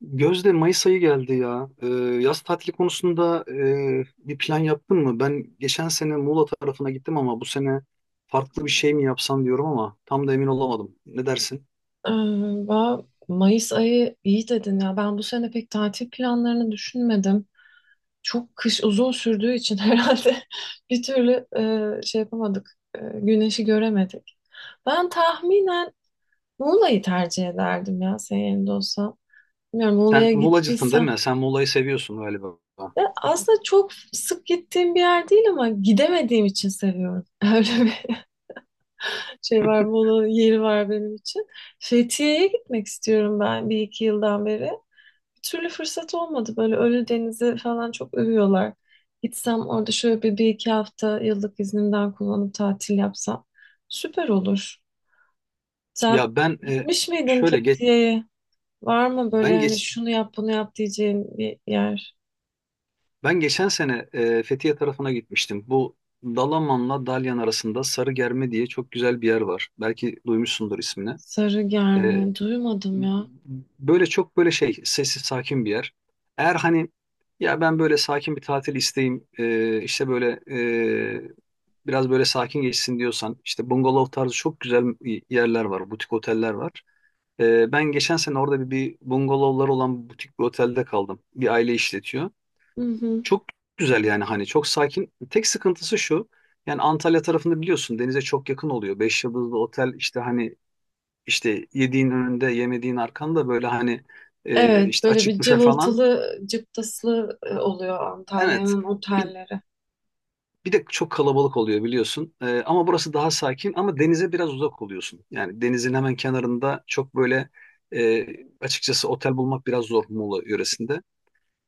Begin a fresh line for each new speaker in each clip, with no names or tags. Gözde, Mayıs ayı geldi ya. Yaz tatili konusunda bir plan yaptın mı? Ben geçen sene Muğla tarafına gittim ama bu sene farklı bir şey mi yapsam diyorum ama tam da emin olamadım. Ne dersin?
Ee, Mayıs ayı iyi dedin ya. Ben bu sene pek tatil planlarını düşünmedim. Çok kış uzun sürdüğü için herhalde bir türlü şey yapamadık. Güneşi göremedik. Ben tahminen Muğla'yı tercih ederdim ya senin yerinde olsam. Bilmiyorum
Sen
Muğla'ya
Muğlacısın değil
gittiysem.
mi? Sen Muğla'yı seviyorsun galiba.
Ve aslında çok sık gittiğim bir yer değil ama gidemediğim için seviyorum. Öyle bir şey var, Muğla'nın yeri var benim için. Fethiye'ye gitmek istiyorum ben bir iki yıldan beri. Bir türlü fırsat olmadı. Böyle Ölüdeniz'i falan çok övüyorlar. Gitsem orada şöyle bir iki hafta yıllık iznimden kullanıp tatil yapsam süper olur. Sen
Ya ben e,
gitmiş miydin
şöyle geç
Fethiye'ye? Var mı böyle
ben
hani
geç
şunu yap bunu yap diyeceğin bir yer?
ben geçen sene Fethiye tarafına gitmiştim. Bu Dalaman'la Dalyan arasında Sarıgerme diye çok güzel bir yer var. Belki duymuşsundur ismini. E,
Sarıgerme. Duymadım ya.
Böyle çok böyle sessiz sakin bir yer. Eğer hani ya ben böyle sakin bir tatil isteyeyim, işte böyle, e, biraz böyle sakin geçsin diyorsan işte bungalov tarzı çok güzel yerler var, butik oteller var. Ben geçen sene orada bir bungalovlar olan butik bir otelde kaldım. Bir aile işletiyor.
Hı hı.
Çok güzel yani hani çok sakin. Tek sıkıntısı şu. Yani Antalya tarafında biliyorsun denize çok yakın oluyor. Beş yıldızlı otel işte hani işte yediğin önünde, yemediğin arkanda böyle hani,
Evet,
işte
böyle
açık
bir
büfe falan.
cıvıltılı, cıptaslı oluyor
Evet.
Antalya'nın
Bir,
otelleri.
bir de çok kalabalık oluyor biliyorsun. Ama burası daha sakin ama denize biraz uzak oluyorsun. Yani denizin hemen kenarında çok böyle, e, açıkçası otel bulmak biraz zor Muğla yöresinde.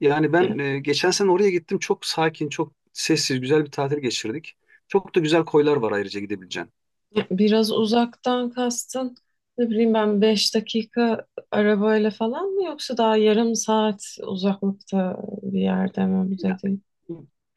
Yani
Yani,
ben, geçen sene oraya gittim. Çok sakin, çok sessiz, güzel bir tatil geçirdik. Çok da güzel koylar var ayrıca gidebileceğin.
ya, biraz uzaktan kastın ne bileyim ben 5 dakika arabayla falan mı yoksa daha yarım saat uzaklıkta bir yerde mi bu dediğin?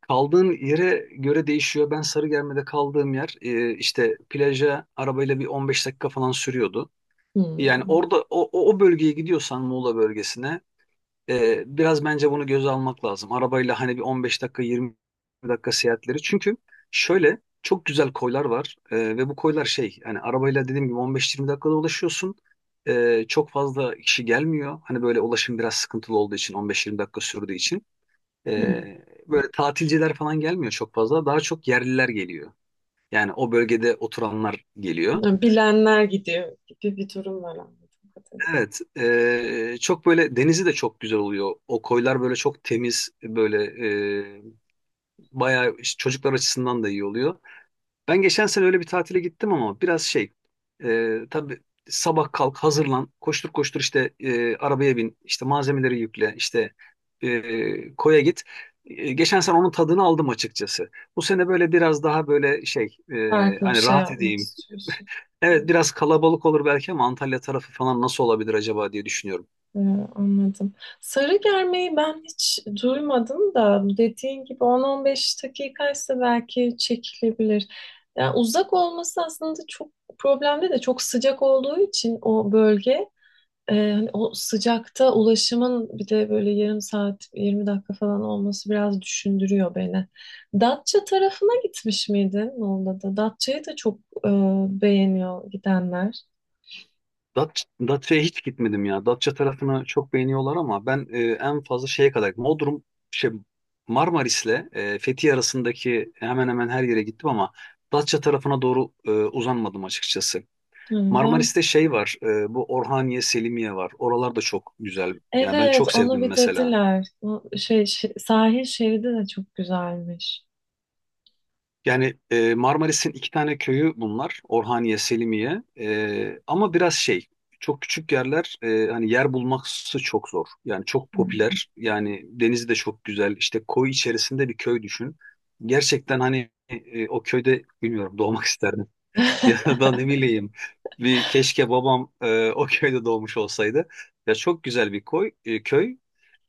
Kaldığın yere göre değişiyor. Ben Sarıgerme'de kaldığım yer, işte plaja arabayla bir 15 dakika falan sürüyordu. Yani
Hmm.
orada o bölgeye gidiyorsan Muğla bölgesine, biraz bence bunu göze almak lazım. Arabayla hani bir 15 dakika 20 dakika seyahatleri. Çünkü şöyle çok güzel koylar var, ve bu koylar hani arabayla dediğim gibi 15-20 dakikada ulaşıyorsun. Çok fazla kişi gelmiyor. Hani böyle ulaşım biraz sıkıntılı olduğu için 15-20 dakika sürdüğü için.
Hmm.
Böyle tatilciler falan gelmiyor çok fazla. Daha çok yerliler geliyor. Yani o bölgede oturanlar geliyor.
Ya, bilenler gidiyor gibi bir durum var anladığım kadarıyla.
Evet, çok böyle denizi de çok güzel oluyor. O koylar böyle çok temiz, böyle, ee, bayağı işte çocuklar açısından da iyi oluyor. Ben geçen sene öyle bir tatile gittim ama biraz tabii sabah kalk hazırlan koştur koştur işte, arabaya bin işte malzemeleri yükle işte, koya git. Geçen sene onun tadını aldım açıkçası. Bu sene böyle biraz daha böyle
Farklı bir
hani
şey
rahat
yapmak
edeyim.
istiyorsun.
Evet, biraz kalabalık olur belki ama Antalya tarafı falan nasıl olabilir acaba diye düşünüyorum.
Ee, Anladım. Sarı germeyi ben hiç duymadım da dediğin gibi 10-15 dakikaysa belki çekilebilir. Yani uzak olması aslında çok problemli de çok sıcak olduğu için o bölge, hani o sıcakta ulaşımın bir de böyle yarım saat 20 dakika falan olması biraz düşündürüyor beni. Datça tarafına gitmiş miydin Muğla'da? Datça'yı da çok e, beğeniyor gidenler.
Datça'ya hiç gitmedim ya. Datça tarafını çok beğeniyorlar ama ben, en fazla şeye kadar gittim. Bodrum şey Marmaris'le, Fethiye arasındaki hemen hemen her yere gittim ama Datça tarafına doğru uzanmadım açıkçası.
Hı, ben
Marmaris'te şey var. Bu Orhaniye, Selimiye var. Oralar da çok güzel. Yani ben
evet,
çok
onu
sevdim mesela.
bitirdiler. O sahil şeridi de çok güzelmiş.
Yani, Marmaris'in iki tane köyü bunlar. Orhaniye, Selimiye. Ama biraz çok küçük yerler. Hani yer bulması çok zor. Yani çok
Hmm.
popüler. Yani denizi de çok güzel. İşte koy içerisinde bir köy düşün. Gerçekten hani, o köyde bilmiyorum doğmak isterdim. Ya da ne bileyim bir keşke babam, o köyde doğmuş olsaydı. Ya çok güzel bir koy, köy.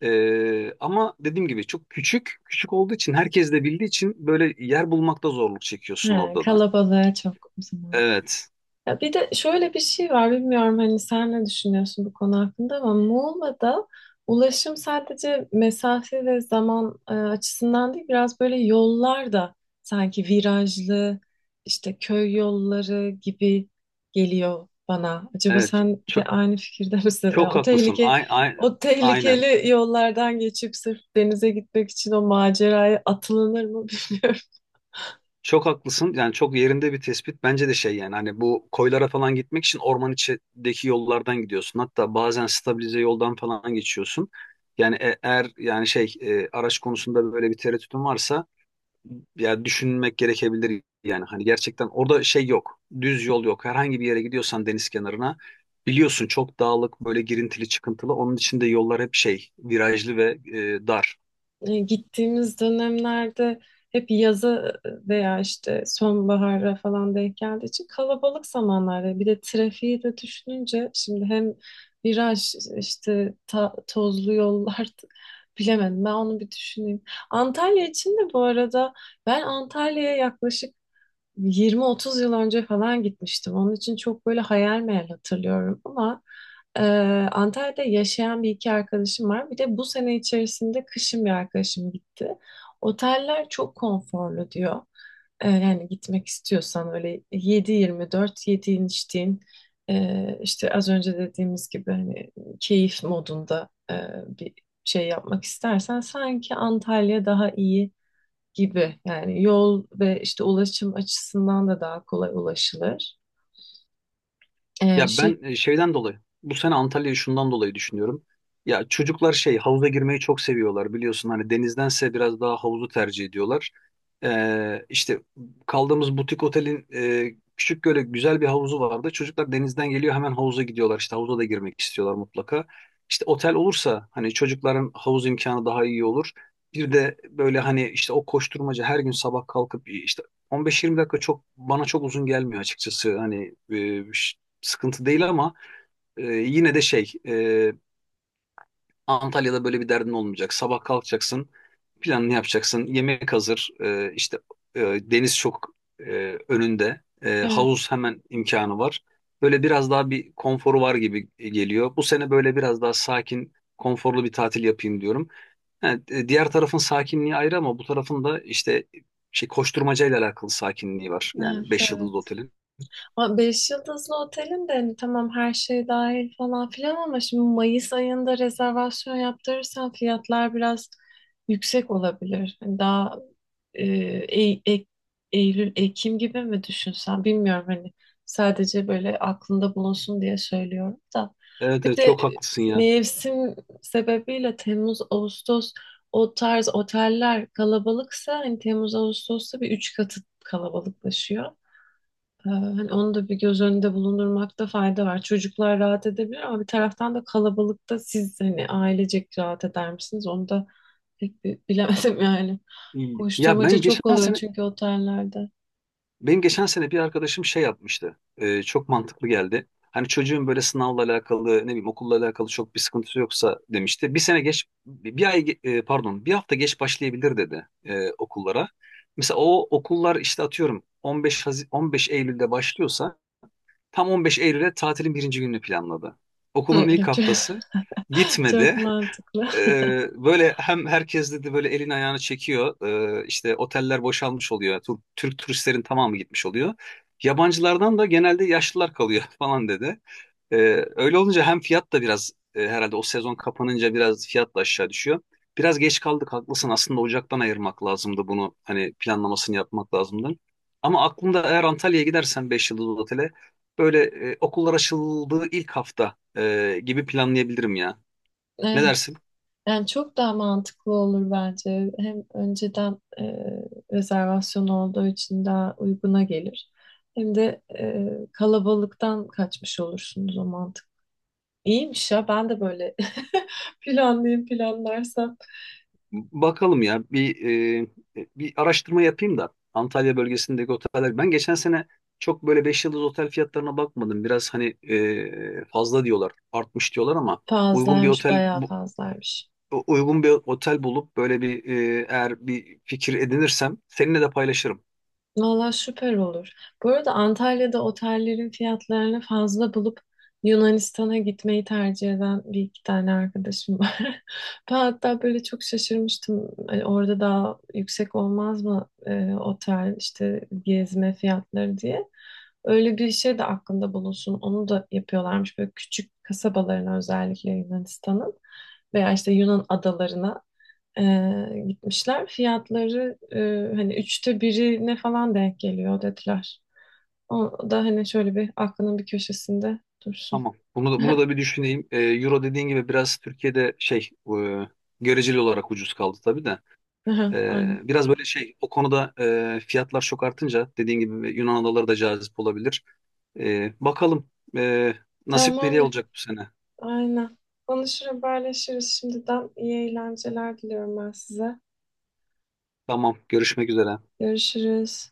Ama dediğim gibi çok küçük. Küçük olduğu için herkes de bildiği için böyle yer bulmakta zorluk çekiyorsun
Ha,
orada da.
kalabalığa çok o zaman.
Evet.
Ya bir de şöyle bir şey var, bilmiyorum hani sen ne düşünüyorsun bu konu hakkında ama Muğla'da ulaşım sadece mesafe ve zaman açısından değil, biraz böyle yollar da sanki virajlı, işte köy yolları gibi geliyor bana. Acaba
Evet.
sen de
Çok,
aynı fikirde misin?
çok haklısın. Ay, ay,
O
aynen.
tehlikeli yollardan geçip sırf denize gitmek için o maceraya atılınır mı bilmiyorum.
Çok haklısın. Yani çok yerinde bir tespit. Bence de yani hani bu koylara falan gitmek için orman içindeki yollardan gidiyorsun. Hatta bazen stabilize yoldan falan geçiyorsun. Yani eğer yani araç konusunda böyle bir tereddütün varsa ya düşünmek gerekebilir yani hani gerçekten orada şey yok. Düz yol yok. Herhangi bir yere gidiyorsan deniz kenarına biliyorsun çok dağlık böyle girintili çıkıntılı. Onun için de yollar hep virajlı ve dar.
Gittiğimiz dönemlerde hep yaza veya işte sonbahara falan denk geldiği için kalabalık zamanlarda bir de trafiği de düşününce şimdi hem viraj işte tozlu yollar bilemedim ben onu bir düşüneyim. Antalya için de bu arada ben Antalya'ya yaklaşık 20-30 yıl önce falan gitmiştim. Onun için çok böyle hayal meyal hatırlıyorum ama e, Antalya'da yaşayan bir iki arkadaşım var. Bir de bu sene içerisinde kışın bir arkadaşım gitti. Oteller çok konforlu diyor. E, yani gitmek istiyorsan öyle 7-24 yediğin içtiğin, işte az önce dediğimiz gibi hani keyif modunda bir şey yapmak istersen sanki Antalya daha iyi gibi, yani yol ve işte ulaşım açısından da daha kolay ulaşılır. Ee,
Ya
şey
ben, şeyden dolayı bu sene Antalya'yı şundan dolayı düşünüyorum. Ya çocuklar havuza girmeyi çok seviyorlar biliyorsun hani denizdense biraz daha havuzu tercih ediyorlar. İşte kaldığımız butik otelin, küçük böyle güzel bir havuzu vardı. Çocuklar denizden geliyor hemen havuza gidiyorlar işte havuza da girmek istiyorlar mutlaka. İşte otel olursa hani çocukların havuz imkanı daha iyi olur. Bir de böyle hani işte o koşturmaca her gün sabah kalkıp işte 15-20 dakika çok bana çok uzun gelmiyor açıkçası. Hani, sıkıntı değil ama, yine de Antalya'da böyle bir derdin olmayacak. Sabah kalkacaksın, planını yapacaksın, yemek hazır, işte, deniz çok, önünde,
Evet,
havuz hemen imkanı var. Böyle biraz daha bir konforu var gibi geliyor. Bu sene böyle biraz daha sakin, konforlu bir tatil yapayım diyorum. Yani, diğer tarafın sakinliği ayrı ama bu tarafın da işte koşturmacayla alakalı sakinliği var. Yani 5 yıldızlı
evet.
otelin.
Ama beş yıldızlı otelin de hani tamam her şey dahil falan filan ama şimdi Mayıs ayında rezervasyon yaptırırsan fiyatlar biraz yüksek olabilir. Hani daha e, Ey- Ek- Eylül, Ekim gibi mi düşünsen bilmiyorum, hani sadece böyle aklında bulunsun diye söylüyorum da.
Evet,
Bir
evet,
de
çok haklısın ya.
mevsim sebebiyle Temmuz, Ağustos o tarz oteller kalabalıksa hani Temmuz, Ağustos'ta bir üç katı kalabalıklaşıyor. Hani onu da bir göz önünde bulundurmakta fayda var. Çocuklar rahat edebilir ama bir taraftan da kalabalıkta siz hani ailecek rahat eder misiniz? Onu da pek bilemedim yani.
İyi.
Koşturmaca çok oluyor çünkü otellerde.
Benim geçen sene bir arkadaşım şey yapmıştı. Çok mantıklı geldi. Hani çocuğun böyle sınavla alakalı, ne bileyim okulla alakalı çok bir sıkıntısı yoksa demişti. Bir sene geç, bir ay, pardon, bir hafta geç başlayabilir dedi, okullara. Mesela o okullar işte atıyorum 15 Eylül'de başlıyorsa tam 15 Eylül'e tatilin birinci gününü planladı.
Hı,
Okulun ilk
çok,
haftası
çok
gitmedi.
mantıklı.
Böyle hem herkes dedi böyle elini ayağını çekiyor. İşte oteller boşalmış oluyor. Türk turistlerin tamamı gitmiş oluyor. Yabancılardan da genelde yaşlılar kalıyor falan dedi. Öyle olunca hem fiyat da biraz, herhalde o sezon kapanınca biraz fiyat da aşağı düşüyor. Biraz geç kaldık haklısın. Aslında Ocak'tan ayırmak lazımdı bunu. Hani planlamasını yapmak lazımdı. Ama aklımda, eğer Antalya'ya gidersen 5 yıldızlı otele böyle, okullar açıldığı ilk hafta gibi planlayabilirim ya. Ne
Evet.
dersin?
Yani çok daha mantıklı olur bence. Hem önceden rezervasyon olduğu için daha uyguna gelir. Hem de kalabalıktan kaçmış olursunuz o mantık. İyiymiş ya, ben de böyle planlayayım planlarsam.
Bakalım ya e, bir araştırma yapayım da Antalya bölgesindeki oteller. Ben geçen sene çok böyle 5 yıldız otel fiyatlarına bakmadım. Biraz hani, fazla diyorlar, artmış diyorlar ama uygun bir
Fazlaymış,
otel
bayağı
bu,
fazlaymış.
uygun bir otel bulup böyle eğer bir fikir edinirsem seninle de paylaşırım.
Valla süper olur. Bu arada Antalya'da otellerin fiyatlarını fazla bulup Yunanistan'a gitmeyi tercih eden bir iki tane arkadaşım var. Ben hatta böyle çok şaşırmıştım. Hani orada daha yüksek olmaz mı otel işte gezme fiyatları diye. Öyle bir şey de aklında bulunsun. Onu da yapıyorlarmış, böyle küçük kasabalarına özellikle Yunanistan'ın veya işte Yunan adalarına gitmişler. Fiyatları hani üçte birine falan denk geliyor dediler. O da hani şöyle bir aklının bir köşesinde dursun.
Tamam. Bunu da bir düşüneyim. Euro dediğin gibi biraz Türkiye'de e, göreceli olarak ucuz kaldı tabii de.
Aha, aynen.
Biraz böyle o konuda, fiyatlar çok artınca dediğin gibi Yunan adaları da cazip olabilir. Bakalım e, nasip nereye
Tamamdır.
olacak bu sene.
Aynen. Konuşur haberleşiriz şimdiden. İyi eğlenceler diliyorum ben size.
Tamam, görüşmek üzere.
Görüşürüz.